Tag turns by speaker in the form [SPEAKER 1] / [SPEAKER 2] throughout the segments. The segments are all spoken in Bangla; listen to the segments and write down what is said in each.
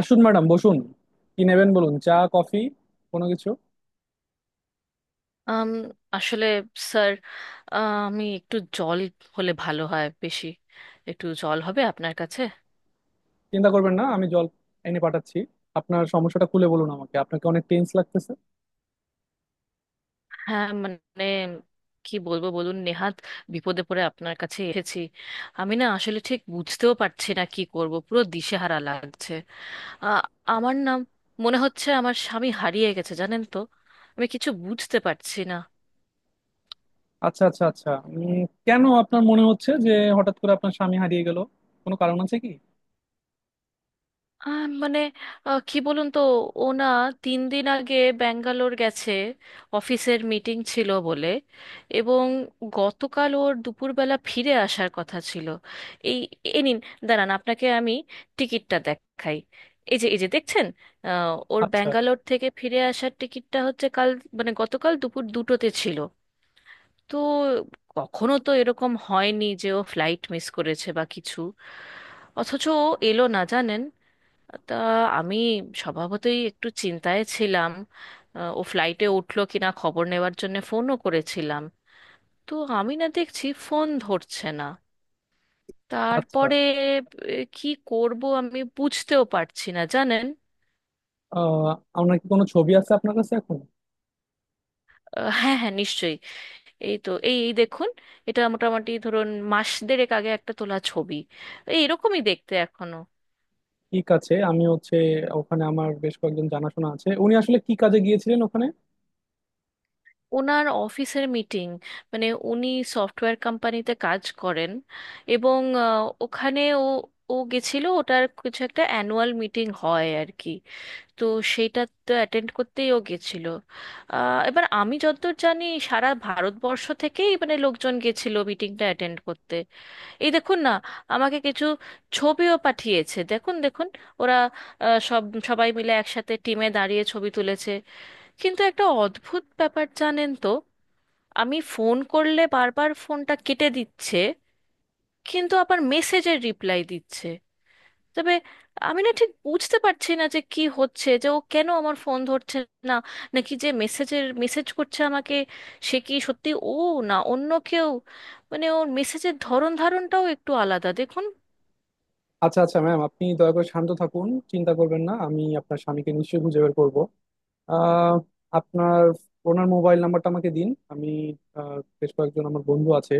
[SPEAKER 1] আসুন ম্যাডাম, বসুন। কি নেবেন বলুন, চা, কফি, কোনো কিছু?
[SPEAKER 2] আম, আসলে স্যার, আমি একটু জল হলে ভালো হয়। বেশি একটু জল হবে আপনার কাছে?
[SPEAKER 1] চিন্তা করবেন না, আমি জল এনে পাঠাচ্ছি। আপনার সমস্যাটা খুলে বলুন আমাকে, আপনাকে অনেক টেন্স লাগতেছে।
[SPEAKER 2] হ্যাঁ, মানে কি বলবো বলুন, নেহাত বিপদে পড়ে আপনার কাছে এসেছি। আমি না আসলে ঠিক বুঝতেও পারছি না কি করব, পুরো দিশেহারা লাগছে। আ- আমার নাম, মনে হচ্ছে আমার স্বামী হারিয়ে গেছে, জানেন তো। আমি কিছু বুঝতে পারছি না।
[SPEAKER 1] আচ্ছা আচ্ছা আচ্ছা, কেন আপনার মনে হচ্ছে যে হঠাৎ করে আপনার স্বামী হারিয়ে গেল? কোনো কারণ আছে কি?
[SPEAKER 2] মানে, কি বলুন তো, ও না তিন দিন আগে ব্যাঙ্গালোর গেছে, অফিসের মিটিং ছিল বলে। এবং গতকাল ওর দুপুরবেলা ফিরে আসার কথা ছিল। এই, এ নিন, দাঁড়ান আপনাকে আমি টিকিটটা দেখাই। এই যে, এই যে দেখছেন, ওর
[SPEAKER 1] আচ্ছা।
[SPEAKER 2] ব্যাঙ্গালোর থেকে ফিরে আসার টিকিটটা হচ্ছে কাল, মানে গতকাল দুপুর দুটোতে ছিল। তো কখনো তো এরকম হয়নি যে ও ফ্লাইট মিস করেছে বা কিছু। অথচ ও এলো না, জানেন। তা আমি স্বভাবতই একটু চিন্তায় ছিলাম। ও ফ্লাইটে উঠলো কিনা খবর নেওয়ার জন্য ফোনও করেছিলাম। তো আমি না দেখছি ফোন ধরছে না।
[SPEAKER 1] আচ্ছা।
[SPEAKER 2] তারপরে কি করব আমি বুঝতেও পারছি না জানেন।
[SPEAKER 1] আহ, আপনার কি কোনো ছবি আছে আপনার কাছে এখন?
[SPEAKER 2] হ্যাঁ হ্যাঁ, নিশ্চয়ই। এই তো, এই এই দেখুন, এটা মোটামুটি ধরুন মাস দেড়েক আগে একটা তোলা ছবি। এই এরকমই দেখতে এখনো।
[SPEAKER 1] ঠিক আছে, আমি হচ্ছে ওখানে আমার বেশ কয়েকজন জানাশোনা আছে। উনি আসলে কি কাজে গিয়েছিলেন ওখানে?
[SPEAKER 2] ওনার অফিসের মিটিং, মানে উনি সফটওয়্যার কোম্পানিতে কাজ করেন। এবং ওখানে ও, ও গেছিল, ওটার কিছু একটা অ্যানুয়াল মিটিং হয় আর কি। তো সেটা তো অ্যাটেন্ড করতেই ও গেছিল। এবার আমি যতদূর জানি, সারা ভারতবর্ষ থেকেই মানে লোকজন গেছিল মিটিংটা অ্যাটেন্ড করতে। এই দেখুন না, আমাকে কিছু ছবিও পাঠিয়েছে, দেখুন দেখুন। ওরা আহ, সব সবাই মিলে একসাথে টিমে দাঁড়িয়ে ছবি তুলেছে। কিন্তু একটা অদ্ভুত ব্যাপার জানেন তো, আমি ফোন করলে বারবার ফোনটা কেটে দিচ্ছে, কিন্তু আবার মেসেজের রিপ্লাই দিচ্ছে। তবে আমি না ঠিক বুঝতে পারছি না যে কি হচ্ছে, যে ও কেন আমার ফোন ধরছে না, নাকি যে মেসেজের মেসেজ করছে আমাকে সে কি সত্যি ও, না অন্য কেউ। মানে ওর মেসেজের ধরন ধারণটাও একটু আলাদা, দেখুন।
[SPEAKER 1] আচ্ছা আচ্ছা ম্যাম, আপনি দয়া করে শান্ত থাকুন, চিন্তা করবেন না, আমি আপনার স্বামীকে নিশ্চয়ই খুঁজে বের করবো। আহ, আপনার ওনার মোবাইল নাম্বারটা আমাকে দিন। আমি আহ, বেশ কয়েকজন আমার বন্ধু আছে,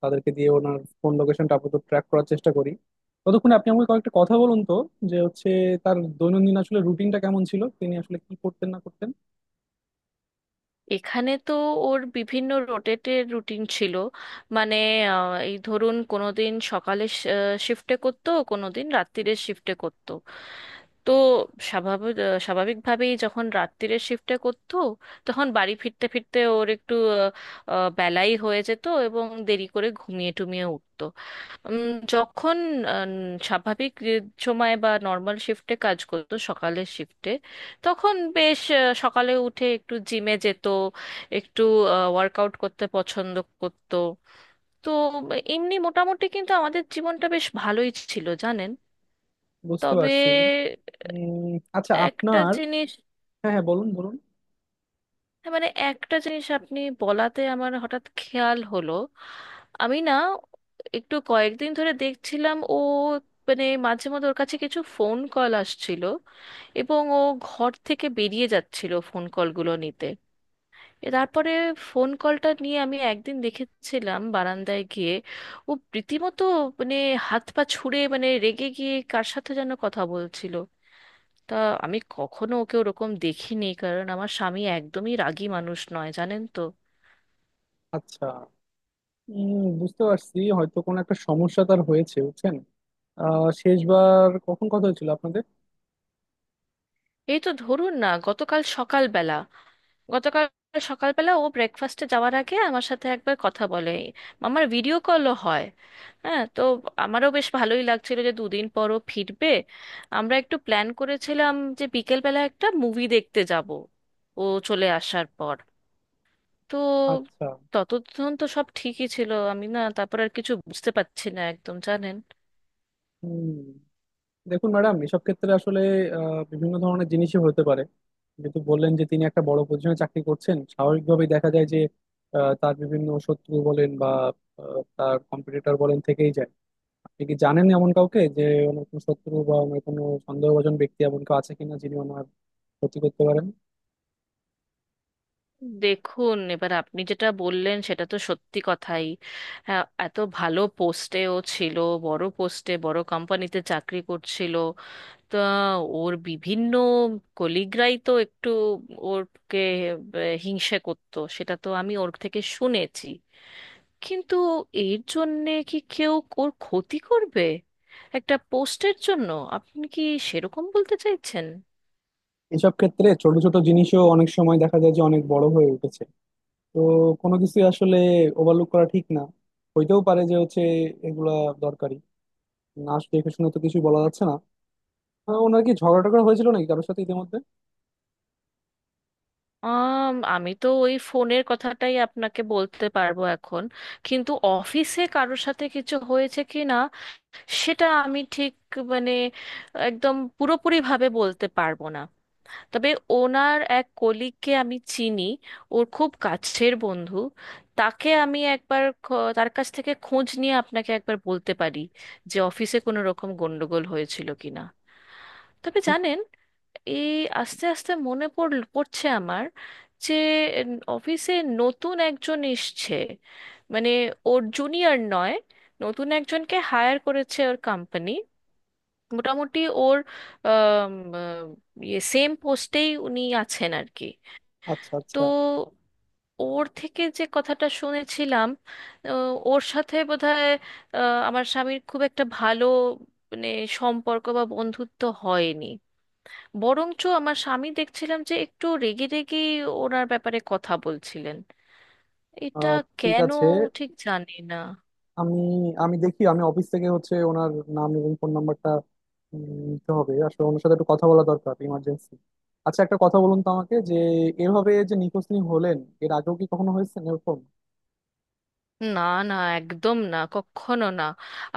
[SPEAKER 1] তাদেরকে দিয়ে ওনার ফোন লোকেশনটা আপাতত ট্র্যাক করার চেষ্টা করি। ততক্ষণে আপনি আমাকে কয়েকটা কথা বলুন তো, যে হচ্ছে তার দৈনন্দিন আসলে রুটিনটা কেমন ছিল, তিনি আসলে কি করতেন না করতেন।
[SPEAKER 2] এখানে তো ওর বিভিন্ন রোটেটের রুটিন ছিল। মানে, এই ধরুন, কোনো দিন সকালে শিফটে করতো, কোনো দিন রাত্তিরের শিফটে করতো। তো স্বাভাবিক, স্বাভাবিকভাবেই যখন রাত্তিরের শিফটে করতো, তখন বাড়ি ফিরতে ফিরতে ওর একটু আহ, আহ, বেলাই হয়ে যেত এবং দেরি করে ঘুমিয়ে টুমিয়ে উঠতো। যখন আহ, স্বাভাবিক যে সময় বা নর্মাল শিফটে কাজ করতো, সকালের শিফটে, তখন বেশ সকালে উঠে একটু জিমে যেত, একটু ওয়ার্কআউট করতে পছন্দ করতো। তো এমনি মোটামুটি কিন্তু আমাদের জীবনটা বেশ ভালোই ছিল জানেন।
[SPEAKER 1] বুঝতে
[SPEAKER 2] তবে
[SPEAKER 1] পারছি। উম। আচ্ছা
[SPEAKER 2] একটা
[SPEAKER 1] আপনার,
[SPEAKER 2] জিনিস,
[SPEAKER 1] হ্যাঁ হ্যাঁ বলুন বলুন।
[SPEAKER 2] হ্যাঁ মানে একটা জিনিস আপনি বলাতে আমার হঠাৎ খেয়াল হলো। আমি না একটু কয়েকদিন ধরে দেখছিলাম ও, মানে মাঝে মধ্যে ওর কাছে কিছু ফোন কল আসছিল এবং ও ঘর থেকে বেরিয়ে যাচ্ছিল ফোন কলগুলো নিতে। তারপরে ফোন কলটা নিয়ে আমি একদিন দেখেছিলাম বারান্দায় গিয়ে ও রীতিমতো, মানে হাত পা ছুড়ে, মানে রেগে গিয়ে কার সাথে যেন কথা বলছিল। তা আমি কখনো ওকে ওরকম দেখিনি, কারণ আমার স্বামী একদমই রাগী মানুষ নয় জানেন তো।
[SPEAKER 1] আচ্ছা, উম, বুঝতে পারছি হয়তো কোনো একটা সমস্যা তার হয়েছে, বুঝছেন। আহ, শেষবার কখন কথা হয়েছিল আপনাদের?
[SPEAKER 2] এই তো ধরুন না গতকাল সকালবেলা, গতকাল সকালবেলা ও ব্রেকফাস্টে যাওয়ার আগে আমার সাথে একবার কথা বলে, আমার ভিডিও কলও হয়। হ্যাঁ, তো আমারও বেশ ভালোই লাগছিল যে দুদিন পরও ফিরবে। আমরা একটু প্ল্যান করেছিলাম যে বিকেলবেলা একটা মুভি দেখতে যাব ও চলে আসার পর। তো
[SPEAKER 1] আচ্ছা।
[SPEAKER 2] ততক্ষণ তো সব ঠিকই ছিল, আমি না তারপর আর কিছু বুঝতে পারছি না একদম জানেন।
[SPEAKER 1] হুম। দেখুন ম্যাডাম, এসব ক্ষেত্রে আসলে বিভিন্ন ধরনের জিনিসই হতে পারে। যেহেতু বললেন যে তিনি একটা বড় পজিশনে চাকরি করছেন, স্বাভাবিকভাবেই দেখা যায় যে তার বিভিন্ন শত্রু বলেন বা তার কম্পিটিটর বলেন থেকেই যায়। আপনি কি জানেন এমন কাউকে যে ওনার কোনো শত্রু বা ওনার কোনো সন্দেহভাজন ব্যক্তি, এমন কেউ আছে কিনা যিনি ওনার ক্ষতি করতে পারেন?
[SPEAKER 2] দেখুন এবার আপনি যেটা বললেন সেটা তো সত্যি কথাই। হ্যাঁ, এত ভালো পোস্টেও ছিল, বড় পোস্টে, বড় কোম্পানিতে চাকরি করছিল। তা ওর বিভিন্ন কলিগরাই তো একটু ওরকে হিংসে করতো, সেটা তো আমি ওর থেকে শুনেছি। কিন্তু এর জন্যে কি কেউ ওর ক্ষতি করবে একটা পোস্টের জন্য? আপনি কি সেরকম বলতে চাইছেন?
[SPEAKER 1] এসব ক্ষেত্রে ছোট ছোট জিনিসও অনেক সময় দেখা যায় যে অনেক বড় হয়ে উঠেছে। তো কোনো কিছু আসলে ওভারলুক করা ঠিক না। হইতেও পারে যে হচ্ছে এগুলা দরকারি। নাচ দেখে শুনে তো কিছুই বলা যাচ্ছে না। আহ, ওনার কি ঝগড়া টগড়া হয়েছিল নাকি কারোর সাথে ইতিমধ্যে?
[SPEAKER 2] আমি তো ওই ফোনের কথাটাই আপনাকে বলতে পারবো এখন, কিন্তু অফিসে কারোর সাথে কিছু হয়েছে কি না সেটা আমি ঠিক, মানে একদম পুরোপুরিভাবে বলতে পারবো না। তবে ওনার এক কলিগকে আমি চিনি, ওর খুব কাছের বন্ধু। তাকে আমি একবার তার কাছ থেকে খোঁজ নিয়ে আপনাকে একবার বলতে পারি যে অফিসে কোনো রকম গন্ডগোল হয়েছিল কিনা। তবে
[SPEAKER 1] ঠিক।
[SPEAKER 2] জানেন, এই আস্তে আস্তে মনে পড়ছে আমার, যে অফিসে নতুন একজন এসছে। মানে ওর জুনিয়র নয়, নতুন একজনকে হায়ার করেছে ওর কোম্পানি, মোটামুটি ওর আম, আ, ইয়ে সেম পোস্টেই উনি আছেন আর কি।
[SPEAKER 1] আচ্ছা
[SPEAKER 2] তো
[SPEAKER 1] আচ্ছা।
[SPEAKER 2] ওর থেকে যে কথাটা শুনেছিলাম, আ, ওর সাথে বোধহয় আ, আমার স্বামীর খুব একটা ভালো, মানে সম্পর্ক বা বন্ধুত্ব হয়নি। বরঞ্চ আমার স্বামী দেখছিলাম যে একটু রেগে রেগে ওনার ব্যাপারে কথা বলছিলেন। এটা
[SPEAKER 1] আহ, ঠিক
[SPEAKER 2] কেন,
[SPEAKER 1] আছে,
[SPEAKER 2] ঠিক জানি না।
[SPEAKER 1] আমি, আমি দেখি, অফিস থেকে হচ্ছে ওনার নাম এবং ফোন নাম্বারটা নিতে হবে, আসলে ওনার সাথে একটু কথা বলা দরকার ইমার্জেন্সি। আচ্ছা, একটা কথা বলুন তো আমাকে, যে এভাবে যে নিখোঁজ তিনি হলেন, এর আগেও কি কখনো হয়েছে এরকম?
[SPEAKER 2] না, না একদম না, কখনো না।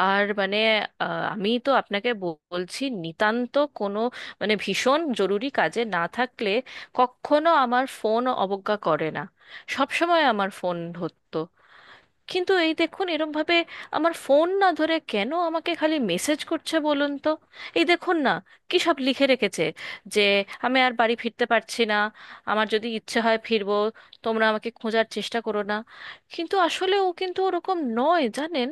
[SPEAKER 2] আর মানে আমি তো আপনাকে বলছি, নিতান্ত কোনো মানে ভীষণ জরুরি কাজে না থাকলে কখনো আমার ফোন অবজ্ঞা করে না, সব সময় আমার ফোন ধরতো। কিন্তু এই দেখুন এরম ভাবে আমার ফোন না ধরে কেন আমাকে খালি মেসেজ করছে বলুন তো। এই দেখুন না, কি সব লিখে রেখেছে, যে আমি আর বাড়ি ফিরতে পারছি না, আমার যদি ইচ্ছে হয় ফিরবো, তোমরা আমাকে খোঁজার চেষ্টা করো না। কিন্তু আসলে ও কিন্তু ওরকম নয় জানেন,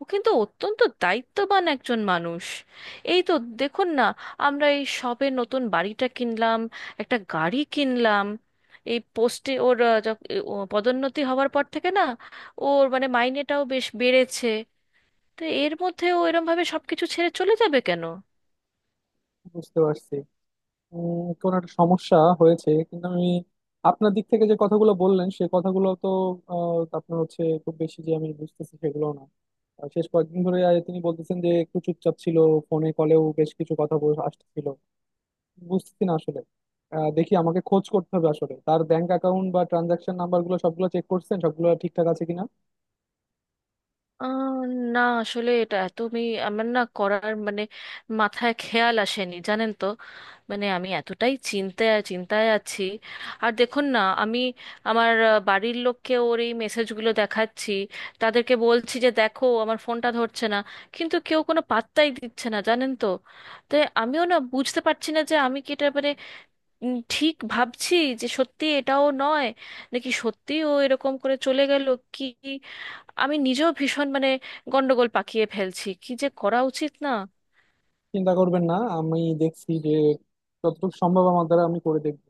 [SPEAKER 2] ও কিন্তু অত্যন্ত দায়িত্ববান একজন মানুষ। এই তো দেখুন না, আমরা এই সবে নতুন বাড়িটা কিনলাম, একটা গাড়ি কিনলাম। এই পোস্টে ওর ও পদোন্নতি হওয়ার পর থেকে না, ওর মানে মাইনেটাও বেশ বেড়েছে। তো এর মধ্যে ও এরম ভাবে সবকিছু ছেড়ে চলে যাবে কেন?
[SPEAKER 1] বুঝতে পারছি। উম, কোনো একটা সমস্যা হয়েছে, কিন্তু আমি আপনার দিক থেকে যে কথাগুলো বললেন, সে কথাগুলো তো আপনার হচ্ছে খুব বেশি যে আমি বুঝতেছি, সেগুলো না। আহ, শেষ কয়েকদিন ধরে তিনি বলতেছেন যে একটু চুপচাপ ছিল, ফোনে কলেও বেশ কিছু কথা বলে আসতেছিল, বুঝতেছি না আসলে। আহ, দেখি আমাকে খোঁজ করতে হবে আসলে তার ব্যাংক অ্যাকাউন্ট বা ট্রানজাকশন নাম্বার গুলো, সবগুলো চেক করছেন সবগুলো ঠিকঠাক আছে কিনা।
[SPEAKER 2] আহ, না আসলে এটা তুমি, আমার না করার মানে মাথায় খেয়াল আসেনি জানেন তো। মানে আমি এতটাই চিন্তায় চিন্তায় আছি। আর দেখুন না, আমি আমার বাড়ির লোককে ওর এই মেসেজগুলো দেখাচ্ছি, তাদেরকে বলছি যে দেখো আমার ফোনটা ধরছে না, কিন্তু কেউ কোনো পাত্তাই দিচ্ছে না জানেন তো। তাই আমিও না বুঝতে পারছি না যে আমি কি এটা, মানে ঠিক ভাবছি যে সত্যি এটাও নয়, নাকি সত্যি ও এরকম করে চলে গেল। কি, আমি নিজেও ভীষণ, মানে গন্ডগোল পাকিয়ে ফেলছি কি যে করা উচিত না।
[SPEAKER 1] চিন্তা করবেন না, আমি দেখছি যে যতটুকু সম্ভব আমার দ্বারা আমি করে দেখবো।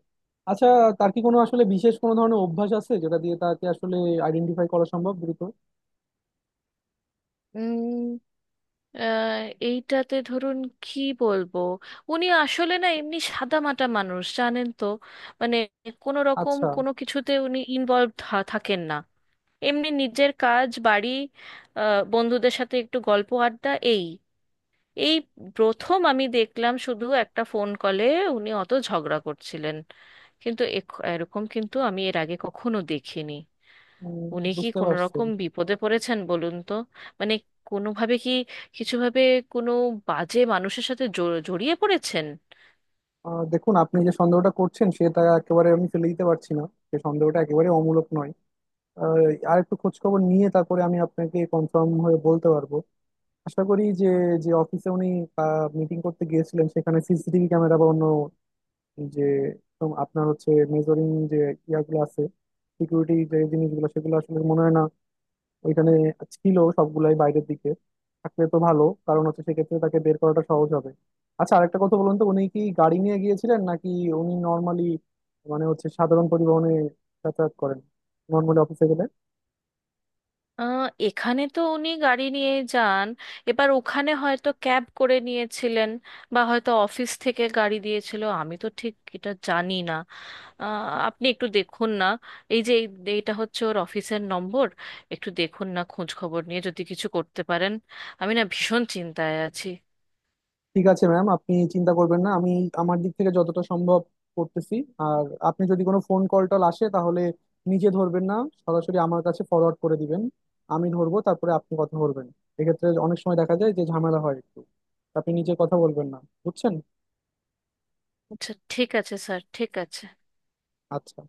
[SPEAKER 1] আচ্ছা, তার কি কোনো আসলে বিশেষ কোনো ধরনের অভ্যাস আছে যেটা দিয়ে তাকে আসলে আইডেন্টিফাই করা সম্ভব দ্রুত?
[SPEAKER 2] উম আহ, এইটাতে ধরুন কি বলবো, উনি আসলে না এমনি সাদামাটা মানুষ জানেন তো। মানে কোনো রকম
[SPEAKER 1] আচ্ছা।
[SPEAKER 2] কোনো কিছুতে উনি ইনভলভ থাকেন না। এমনি নিজের কাজ, বাড়ি, বন্ধুদের সাথে একটু গল্প আড্ডা। এই এই প্রথম আমি দেখলাম শুধু একটা ফোন কলে উনি অত ঝগড়া করছিলেন, কিন্তু এরকম কিন্তু আমি এর আগে কখনো দেখিনি।
[SPEAKER 1] উম,
[SPEAKER 2] উনি কি
[SPEAKER 1] বুঝতে
[SPEAKER 2] কোনো
[SPEAKER 1] পারছি।
[SPEAKER 2] রকম বিপদে পড়েছেন বলুন তো? মানে কোনোভাবে কি, কিছুভাবে কোনো বাজে মানুষের সাথে জড়িয়ে পড়েছেন?
[SPEAKER 1] আহ, দেখুন, আপনি যে সন্দেহটা করছেন সেটা একেবারে আমি ফেলে দিতে পারছি না, সে সন্দেহটা একেবারে অমূলক নয়। আর একটু খোঁজ খবর নিয়ে তারপরে আমি আপনাকে কনফার্ম হয়ে বলতে পারবো। আশা করি যে, যে অফিসে উনি মিটিং করতে গিয়েছিলেন সেখানে সিসিটিভি ক্যামেরা বা অন্য যে, তো আপনার হচ্ছে মেজরিং যে ইয়াগুলো আছে, সিকিউরিটি যে জিনিসগুলো, সেগুলো আসলে মনে হয় না ওইখানে ছিল, সবগুলাই বাইরের দিকে। থাকলে তো ভালো, কারণ হচ্ছে সেক্ষেত্রে তাকে বের করাটা সহজ হবে। আচ্ছা, আরেকটা কথা বলুন তো, উনি কি গাড়ি নিয়ে গিয়েছিলেন নাকি উনি নর্মালি মানে হচ্ছে সাধারণ পরিবহনে যাতায়াত করেন নর্মালি অফিসে গেলে?
[SPEAKER 2] আহ, এখানে তো উনি গাড়ি নিয়ে যান। এবার ওখানে হয়তো ক্যাব করে নিয়েছিলেন, বা হয়তো অফিস থেকে গাড়ি দিয়েছিল, আমি তো ঠিক এটা জানি না। আহ, আপনি একটু দেখুন না, এই যে এইটা হচ্ছে ওর অফিসের নম্বর। একটু দেখুন না খোঁজ খবর নিয়ে যদি কিছু করতে পারেন, আমি না ভীষণ চিন্তায় আছি।
[SPEAKER 1] ঠিক আছে ম্যাম, আপনি চিন্তা করবেন না, আমি আমার দিক থেকে যতটা সম্ভব করতেছি। আর আপনি যদি কোনো ফোন কল টল আসে, তাহলে নিজে ধরবেন না, সরাসরি আমার কাছে ফরওয়ার্ড করে দিবেন। আমি ধরবো, তারপরে আপনি কথা ধরবেন। এক্ষেত্রে অনেক সময় দেখা যায় যে ঝামেলা হয় একটু, আপনি নিজে কথা বলবেন না, বুঝছেন?
[SPEAKER 2] আচ্ছা, ঠিক আছে স্যার, ঠিক আছে।
[SPEAKER 1] আচ্ছা।